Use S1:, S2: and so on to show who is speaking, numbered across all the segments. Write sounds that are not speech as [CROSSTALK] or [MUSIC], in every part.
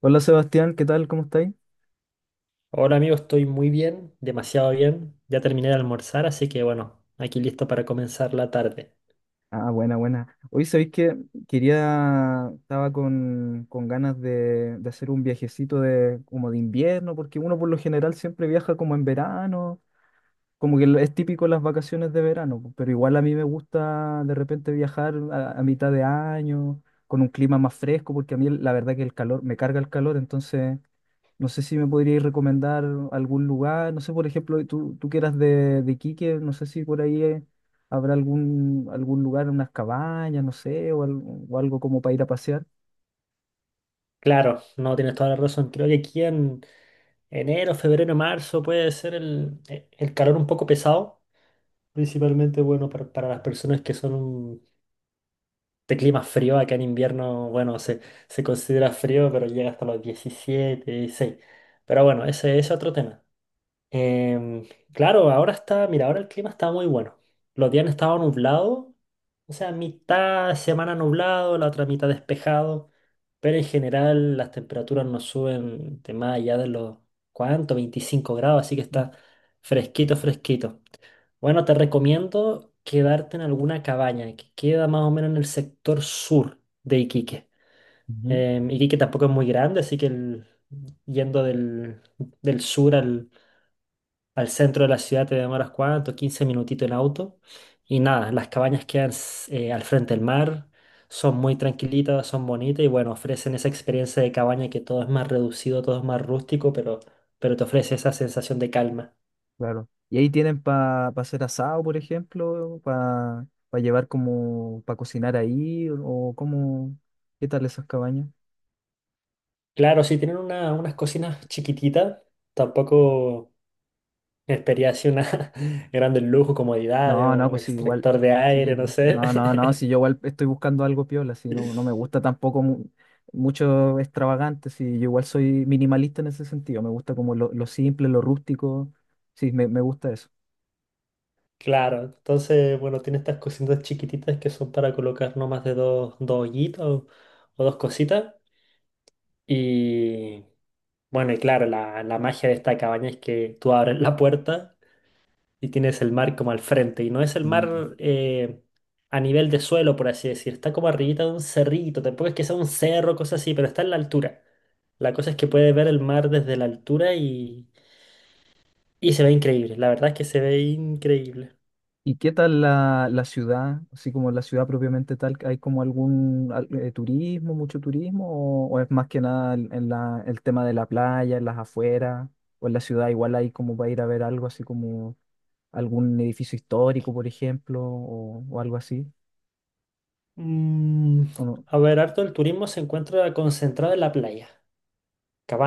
S1: Hola Sebastián, ¿qué tal? ¿Cómo estáis?
S2: Hola amigo, estoy muy bien, demasiado bien. Ya terminé de almorzar, así que bueno, aquí listo para comenzar la tarde.
S1: Ah, buena, buena. Hoy sabéis que quería, estaba con ganas de hacer un viajecito como de invierno, porque uno por lo general siempre viaja como en verano, como que es típico las vacaciones de verano, po, pero igual a mí me gusta de repente viajar a mitad de año, con un clima más fresco, porque a mí la verdad que el calor, me carga el calor, entonces, no sé si me podríais recomendar algún lugar, no sé, por ejemplo, tú que eras de Iquique, no sé si por ahí habrá algún lugar, unas cabañas, no sé, o, o algo como para ir a pasear.
S2: Claro, no tienes toda la razón. Creo que aquí en enero, febrero, marzo puede ser el calor un poco pesado. Principalmente, bueno, para las personas que son un- de clima frío. Acá en invierno, bueno, se considera frío, pero llega hasta los 17, 16. Pero bueno, ese es otro tema. Em, claro, ahora está, mira, ahora el clima está muy bueno. Los días han estado nublados. O sea, mitad semana nublado, la otra mitad despejado, pero en general las temperaturas no suben de más allá de los, ¿cuánto? 25 grados, así que está fresquito, fresquito. Bueno, te recomiendo quedarte en alguna cabaña que queda más o menos en el sector sur de Iquique.
S1: Ujú,
S2: Iquique tampoco es muy grande, así que el- yendo del sur al centro de la ciudad te demoras cuánto, 15 minutitos en auto. Y nada, las cabañas quedan s- al frente del mar, son muy tranquilitas, son bonitas y bueno, ofrecen esa experiencia de cabaña que todo es más reducido, todo es más rústico, pero te ofrece esa sensación de calma.
S1: claro. Y ahí tienen para hacer asado, por ejemplo, para llevar como, para cocinar ahí, o como, ¿qué tal esas cabañas?
S2: Claro, si tienen una- unas cocinas chiquititas, tampoco espería así una [LAUGHS] gran lujo, comodidades
S1: No, no,
S2: o
S1: pues sí, igual.
S2: extractor de
S1: Sí,
S2: aire, no
S1: pues,
S2: sé.
S1: no, no,
S2: [LAUGHS]
S1: no, si yo igual estoy buscando algo piola, si no, no me gusta tampoco mucho extravagante, si yo igual soy minimalista en ese sentido, me gusta como lo simple, lo rústico, sí, me gusta eso.
S2: Claro, entonces, bueno, tiene estas cositas chiquititas que son para colocar no más de dos, dos hoyitos o dos cositas. Y bueno, y claro, la magia de esta cabaña es que tú abres la puerta y tienes el mar como al frente. Y no es el
S1: Mm.
S2: mar a nivel de suelo, por así decir. Está como arribita de un cerrito. Tampoco es que sea un cerro, cosas así, pero está en la altura. La cosa es que puedes ver el mar desde la altura y se ve increíble. La verdad es que se ve increíble.
S1: ¿Y qué tal la ciudad, así como la ciudad propiamente tal, hay como algún turismo, mucho turismo, o es más que nada en el tema de la playa, en las afueras, o en la ciudad igual hay como para ir a ver algo así como algún edificio histórico, por ejemplo, o algo así,
S2: Mm,
S1: ¿o no?
S2: a ver, harto el turismo se encuentra concentrado en la playa.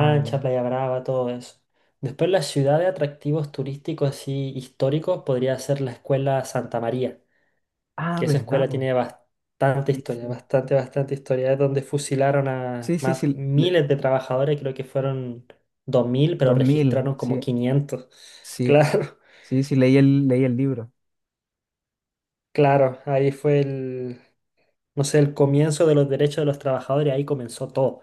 S1: Ah, ya.
S2: Playa Brava, todo eso. Después la ciudad de atractivos turísticos así históricos podría ser la escuela Santa María,
S1: Ah,
S2: que esa
S1: ¿verdad,
S2: escuela
S1: po?
S2: tiene bastante
S1: Sí,
S2: historia,
S1: sí.
S2: bastante, bastante historia. Es donde fusilaron a
S1: Sí, sí,
S2: más,
S1: sí,
S2: miles de trabajadores, creo que fueron 2000 pero
S1: 2.000,
S2: registraron como
S1: sí,
S2: 500. [LAUGHS]
S1: sí,
S2: Claro,
S1: sí, sí, leí el libro.
S2: claro, ahí fue no sé, el comienzo de los derechos de los trabajadores, ahí comenzó todo.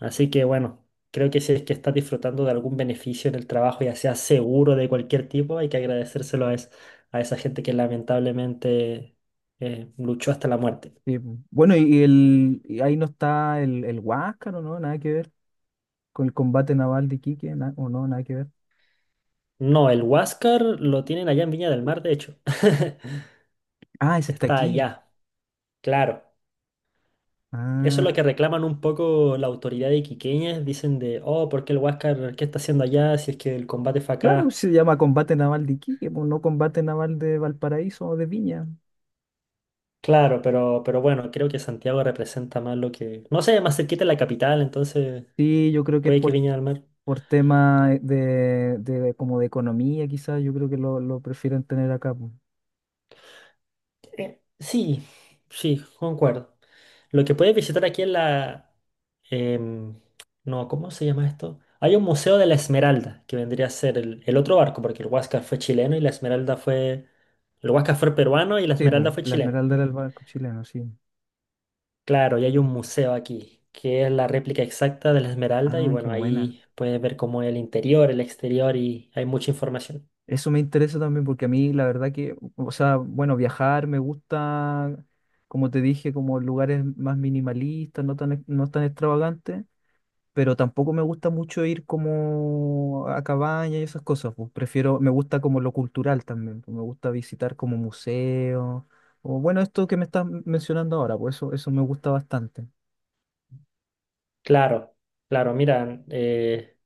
S2: Así que bueno, creo que si es que estás disfrutando de algún beneficio en el trabajo, ya sea seguro de cualquier tipo, hay que agradecérselo a, es- a esa gente que lamentablemente luchó hasta la muerte.
S1: Sí, po. Bueno, y ahí no está el Huáscar, ¿o no? Nada que ver con el combate naval de Iquique, ¿o no? Nada que ver.
S2: No, el Huáscar lo tienen allá en Viña del Mar, de hecho. [LAUGHS]
S1: Ah, ese está
S2: Está
S1: aquí.
S2: allá, claro. Eso es lo
S1: Ah,
S2: que reclaman un poco la autoridad de Iquiqueñas. Dicen de, oh, ¿por qué el Huáscar, qué está haciendo allá si es que el combate fue
S1: claro,
S2: acá?
S1: se llama combate naval de Iquique, po, no combate naval de Valparaíso o de Viña.
S2: Claro, pero bueno, creo que Santiago representa más lo que… No sé, más cerquita de la capital, entonces
S1: Sí, yo creo que es
S2: puede que
S1: por
S2: Viña del Mar…
S1: por tema como de economía, quizás yo creo que lo prefieren tener acá, po.
S2: Sí, sí, concuerdo. Lo que puedes visitar aquí en la… em, no, ¿cómo se llama esto? Hay un museo de la Esmeralda, que vendría a ser el otro barco, porque el Huáscar fue chileno y la Esmeralda fue… El Huáscar fue peruano y la
S1: Sí, po,
S2: Esmeralda fue
S1: la
S2: chilena.
S1: Esmeralda era el barco chileno, sí.
S2: Claro, y hay un museo aquí, que es la réplica exacta de la Esmeralda, y
S1: Ah, qué
S2: bueno,
S1: buena.
S2: ahí puedes ver cómo es el interior, el exterior, y hay mucha información.
S1: Eso me interesa también porque a mí la verdad que, o sea, bueno, viajar me gusta, como te dije, como lugares más minimalistas, no tan extravagantes, pero tampoco me gusta mucho ir como a cabaña y esas cosas, pues prefiero, me gusta como lo cultural también, pues, me gusta visitar como museos, o bueno, esto que me estás mencionando ahora, pues eso me gusta bastante.
S2: Claro, claro, mira,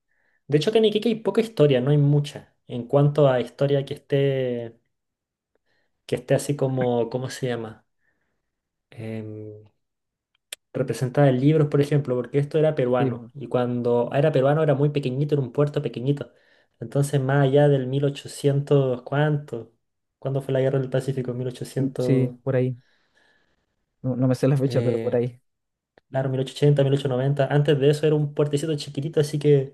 S2: de hecho que en Iquique hay poca historia, no hay mucha, en cuanto a historia que esté así como, ¿cómo se llama? em, Representada en libros, por ejemplo, porque esto era
S1: Sí,
S2: peruano.
S1: mm,
S2: Y cuando era peruano era muy pequeñito, era un puerto pequeñito. Entonces, más allá del 1800 ¿cuánto? ¿Cuándo fue la guerra del Pacífico?
S1: mm, sí,
S2: 1800,
S1: por ahí, no, no me sé la fecha, pero por
S2: eh,
S1: ahí.
S2: claro, mil ochocientos, ochenta, 1890. Antes de eso era un puertecito chiquitito, así que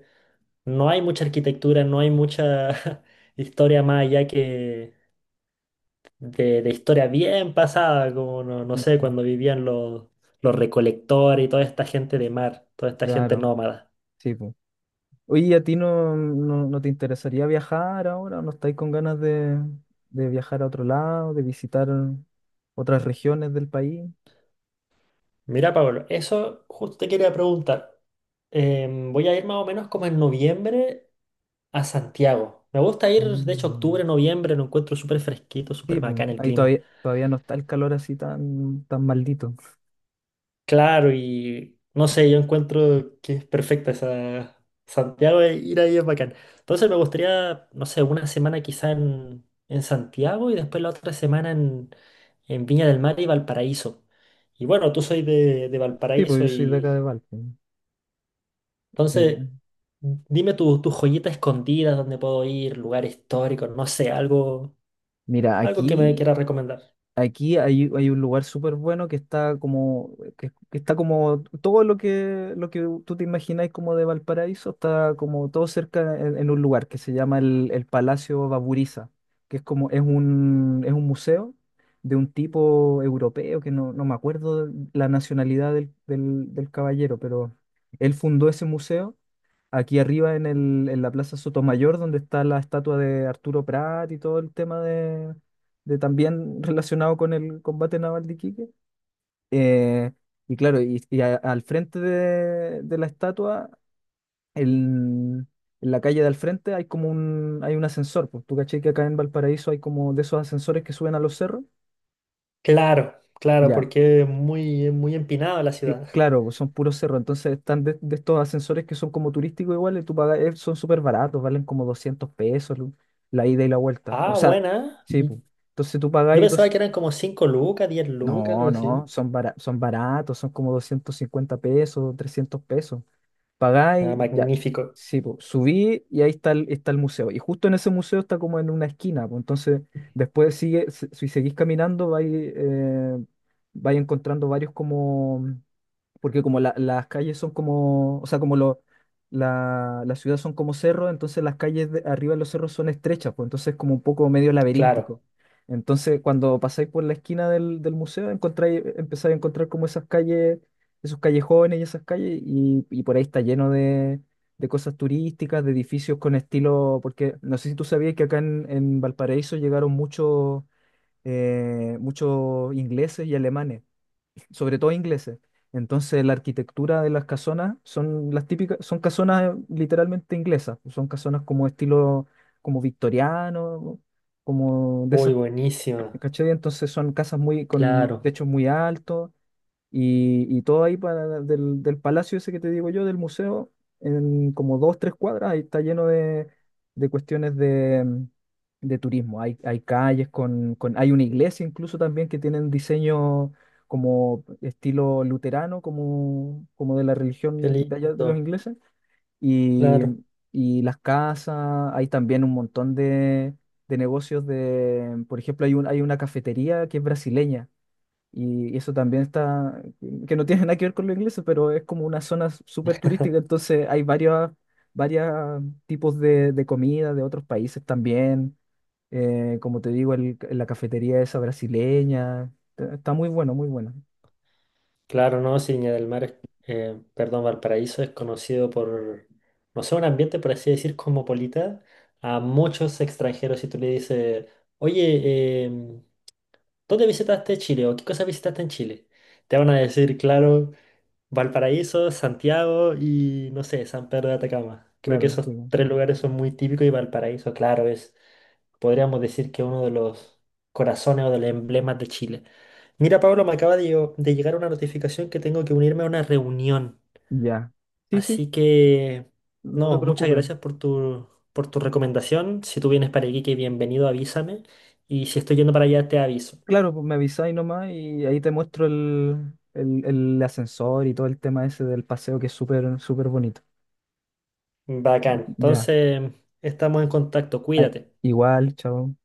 S2: no hay mucha arquitectura, no hay mucha [LAUGHS] historia más allá que, de historia bien pasada, como no, no sé,
S1: Mm.
S2: cuando vivían los recolectores y toda esta gente de mar, toda esta gente
S1: Claro,
S2: nómada.
S1: sí, pues. Oye, ¿y a ti no te interesaría viajar ahora? ¿No estáis con ganas de viajar a otro lado, de visitar otras regiones del país?
S2: Mira, Pablo, eso justo te quería preguntar. Voy a ir más o menos como en noviembre a Santiago. Me gusta ir, de hecho,
S1: Ah,
S2: octubre, noviembre, lo encuentro súper fresquito, súper
S1: sí, pues,
S2: bacán el
S1: ahí
S2: clima.
S1: todavía no está el calor así tan, tan maldito.
S2: Claro, y no sé, yo encuentro que es perfecta esa Santiago, e ir ahí es bacán. Entonces me gustaría, no sé, una semana quizá en Santiago y después la otra semana en Viña del Mar y Valparaíso. Y bueno, tú soy de
S1: Sí, pues
S2: Valparaíso
S1: yo soy de acá
S2: y
S1: de Valpo. Eh,
S2: entonces dime tu, tu joyita escondida, dónde puedo ir, lugar histórico, no sé, algo,
S1: Mira,
S2: algo que me
S1: aquí,
S2: quieras recomendar.
S1: aquí hay un lugar súper bueno que está como, que está como todo lo que, tú te imagináis como de Valparaíso, está como todo cerca en un lugar que se llama el Palacio Baburiza, que es como, es un museo de un tipo europeo, que no me acuerdo la nacionalidad del caballero, pero él fundó ese museo aquí arriba en la Plaza Sotomayor, donde está la estatua de Arturo Prat y todo el tema de también [LAUGHS] relacionado con el combate naval de Iquique. Eh, y claro, al frente de la estatua, el- en la calle de al frente hay un ascensor. Pues tú caché que acá en Valparaíso hay como de esos ascensores que suben a los cerros.
S2: Claro, claro,
S1: Ya.
S2: porque es muy empinada la
S1: Cl-
S2: ciudad.
S1: Claro, son puros cerros, entonces están de estos ascensores que son como turísticos igual, y tú pagas, son súper baratos, valen como 200 pesos la ida y la vuelta. O
S2: Ah,
S1: sea,
S2: buena,
S1: sí,
S2: ¿eh?
S1: pu. Entonces tú
S2: Yo
S1: pagáis
S2: pensaba
S1: dos...
S2: que eran como 5 lucas, 10 lucas, algo
S1: No, no,
S2: así.
S1: son, son baratos, son como 250 pesos, 300 pesos.
S2: Ah,
S1: Pagáis, ya,
S2: magnífico.
S1: sí, pu. Subí y ahí está el museo. Y justo en ese museo está como en una esquina, pu. Entonces después sigue, si seguís caminando, vais, vais encontrando varios como porque como las calles son como, o sea, como la ciudad son como cerros, entonces las calles de arriba de los cerros son estrechas, pues entonces es como un poco medio laberíntico.
S2: Claro.
S1: Entonces, cuando pasáis por la esquina del museo, empezáis a encontrar como esas calles, esos callejones y esas calles, y por ahí está lleno de cosas turísticas, de edificios con estilo, porque no sé si tú sabías que acá en Valparaíso llegaron muchos ingleses y alemanes, sobre todo ingleses. Entonces, la arquitectura de las casonas son las típicas, son casonas literalmente inglesas, son casonas como estilo como victoriano, como de
S2: Uy,
S1: esas,
S2: buenísima.
S1: ¿cachai? Entonces son casas muy con
S2: Claro.
S1: techos muy altos, y todo ahí del palacio ese que te digo yo, del museo, en como dos, tres cuadras, ahí está lleno de cuestiones de turismo. Hay calles hay una iglesia incluso también que tienen diseño como estilo luterano, como de la
S2: Qué
S1: religión de allá de los
S2: lindo.
S1: ingleses. Y,
S2: Claro.
S1: y las casas, hay también un montón de negocios por ejemplo, hay una cafetería que es brasileña y eso también está, que no tiene nada que ver con lo inglés, pero es como una zona súper turística, entonces hay varios tipos de comida de otros países también. Como te digo, la cafetería esa brasileña, está muy bueno, muy bueno.
S2: Claro, no, si Viña del Mar es, perdón, Valparaíso es conocido por, no sé, un ambiente, por así decir, cosmopolita. A muchos extranjeros, si tú le dices, oye, ¿dónde visitaste Chile? ¿O qué cosas visitaste en Chile? Te van a decir, claro. Valparaíso, Santiago y no sé, San Pedro de Atacama. Creo que
S1: Claro,
S2: esos
S1: sí.
S2: tres lugares son muy típicos y Valparaíso, claro, es, podríamos decir que uno de los corazones o de los emblemas de Chile. Mira, Pablo, me acaba de, llo- de llegar una notificación que tengo que unirme a una reunión.
S1: Ya. Sí, sí,
S2: Así que,
S1: no te
S2: no, muchas
S1: preocupes.
S2: gracias por tu recomendación. Si tú vienes para Iquique, bienvenido, avísame. Y si estoy yendo para allá, te aviso.
S1: Claro, pues me avisáis nomás y ahí te muestro el ascensor y todo el tema ese del paseo que es súper, súper bonito.
S2: Bacán.
S1: Ya.
S2: Entonces, estamos en contacto.
S1: Ay,
S2: Cuídate.
S1: igual, chao.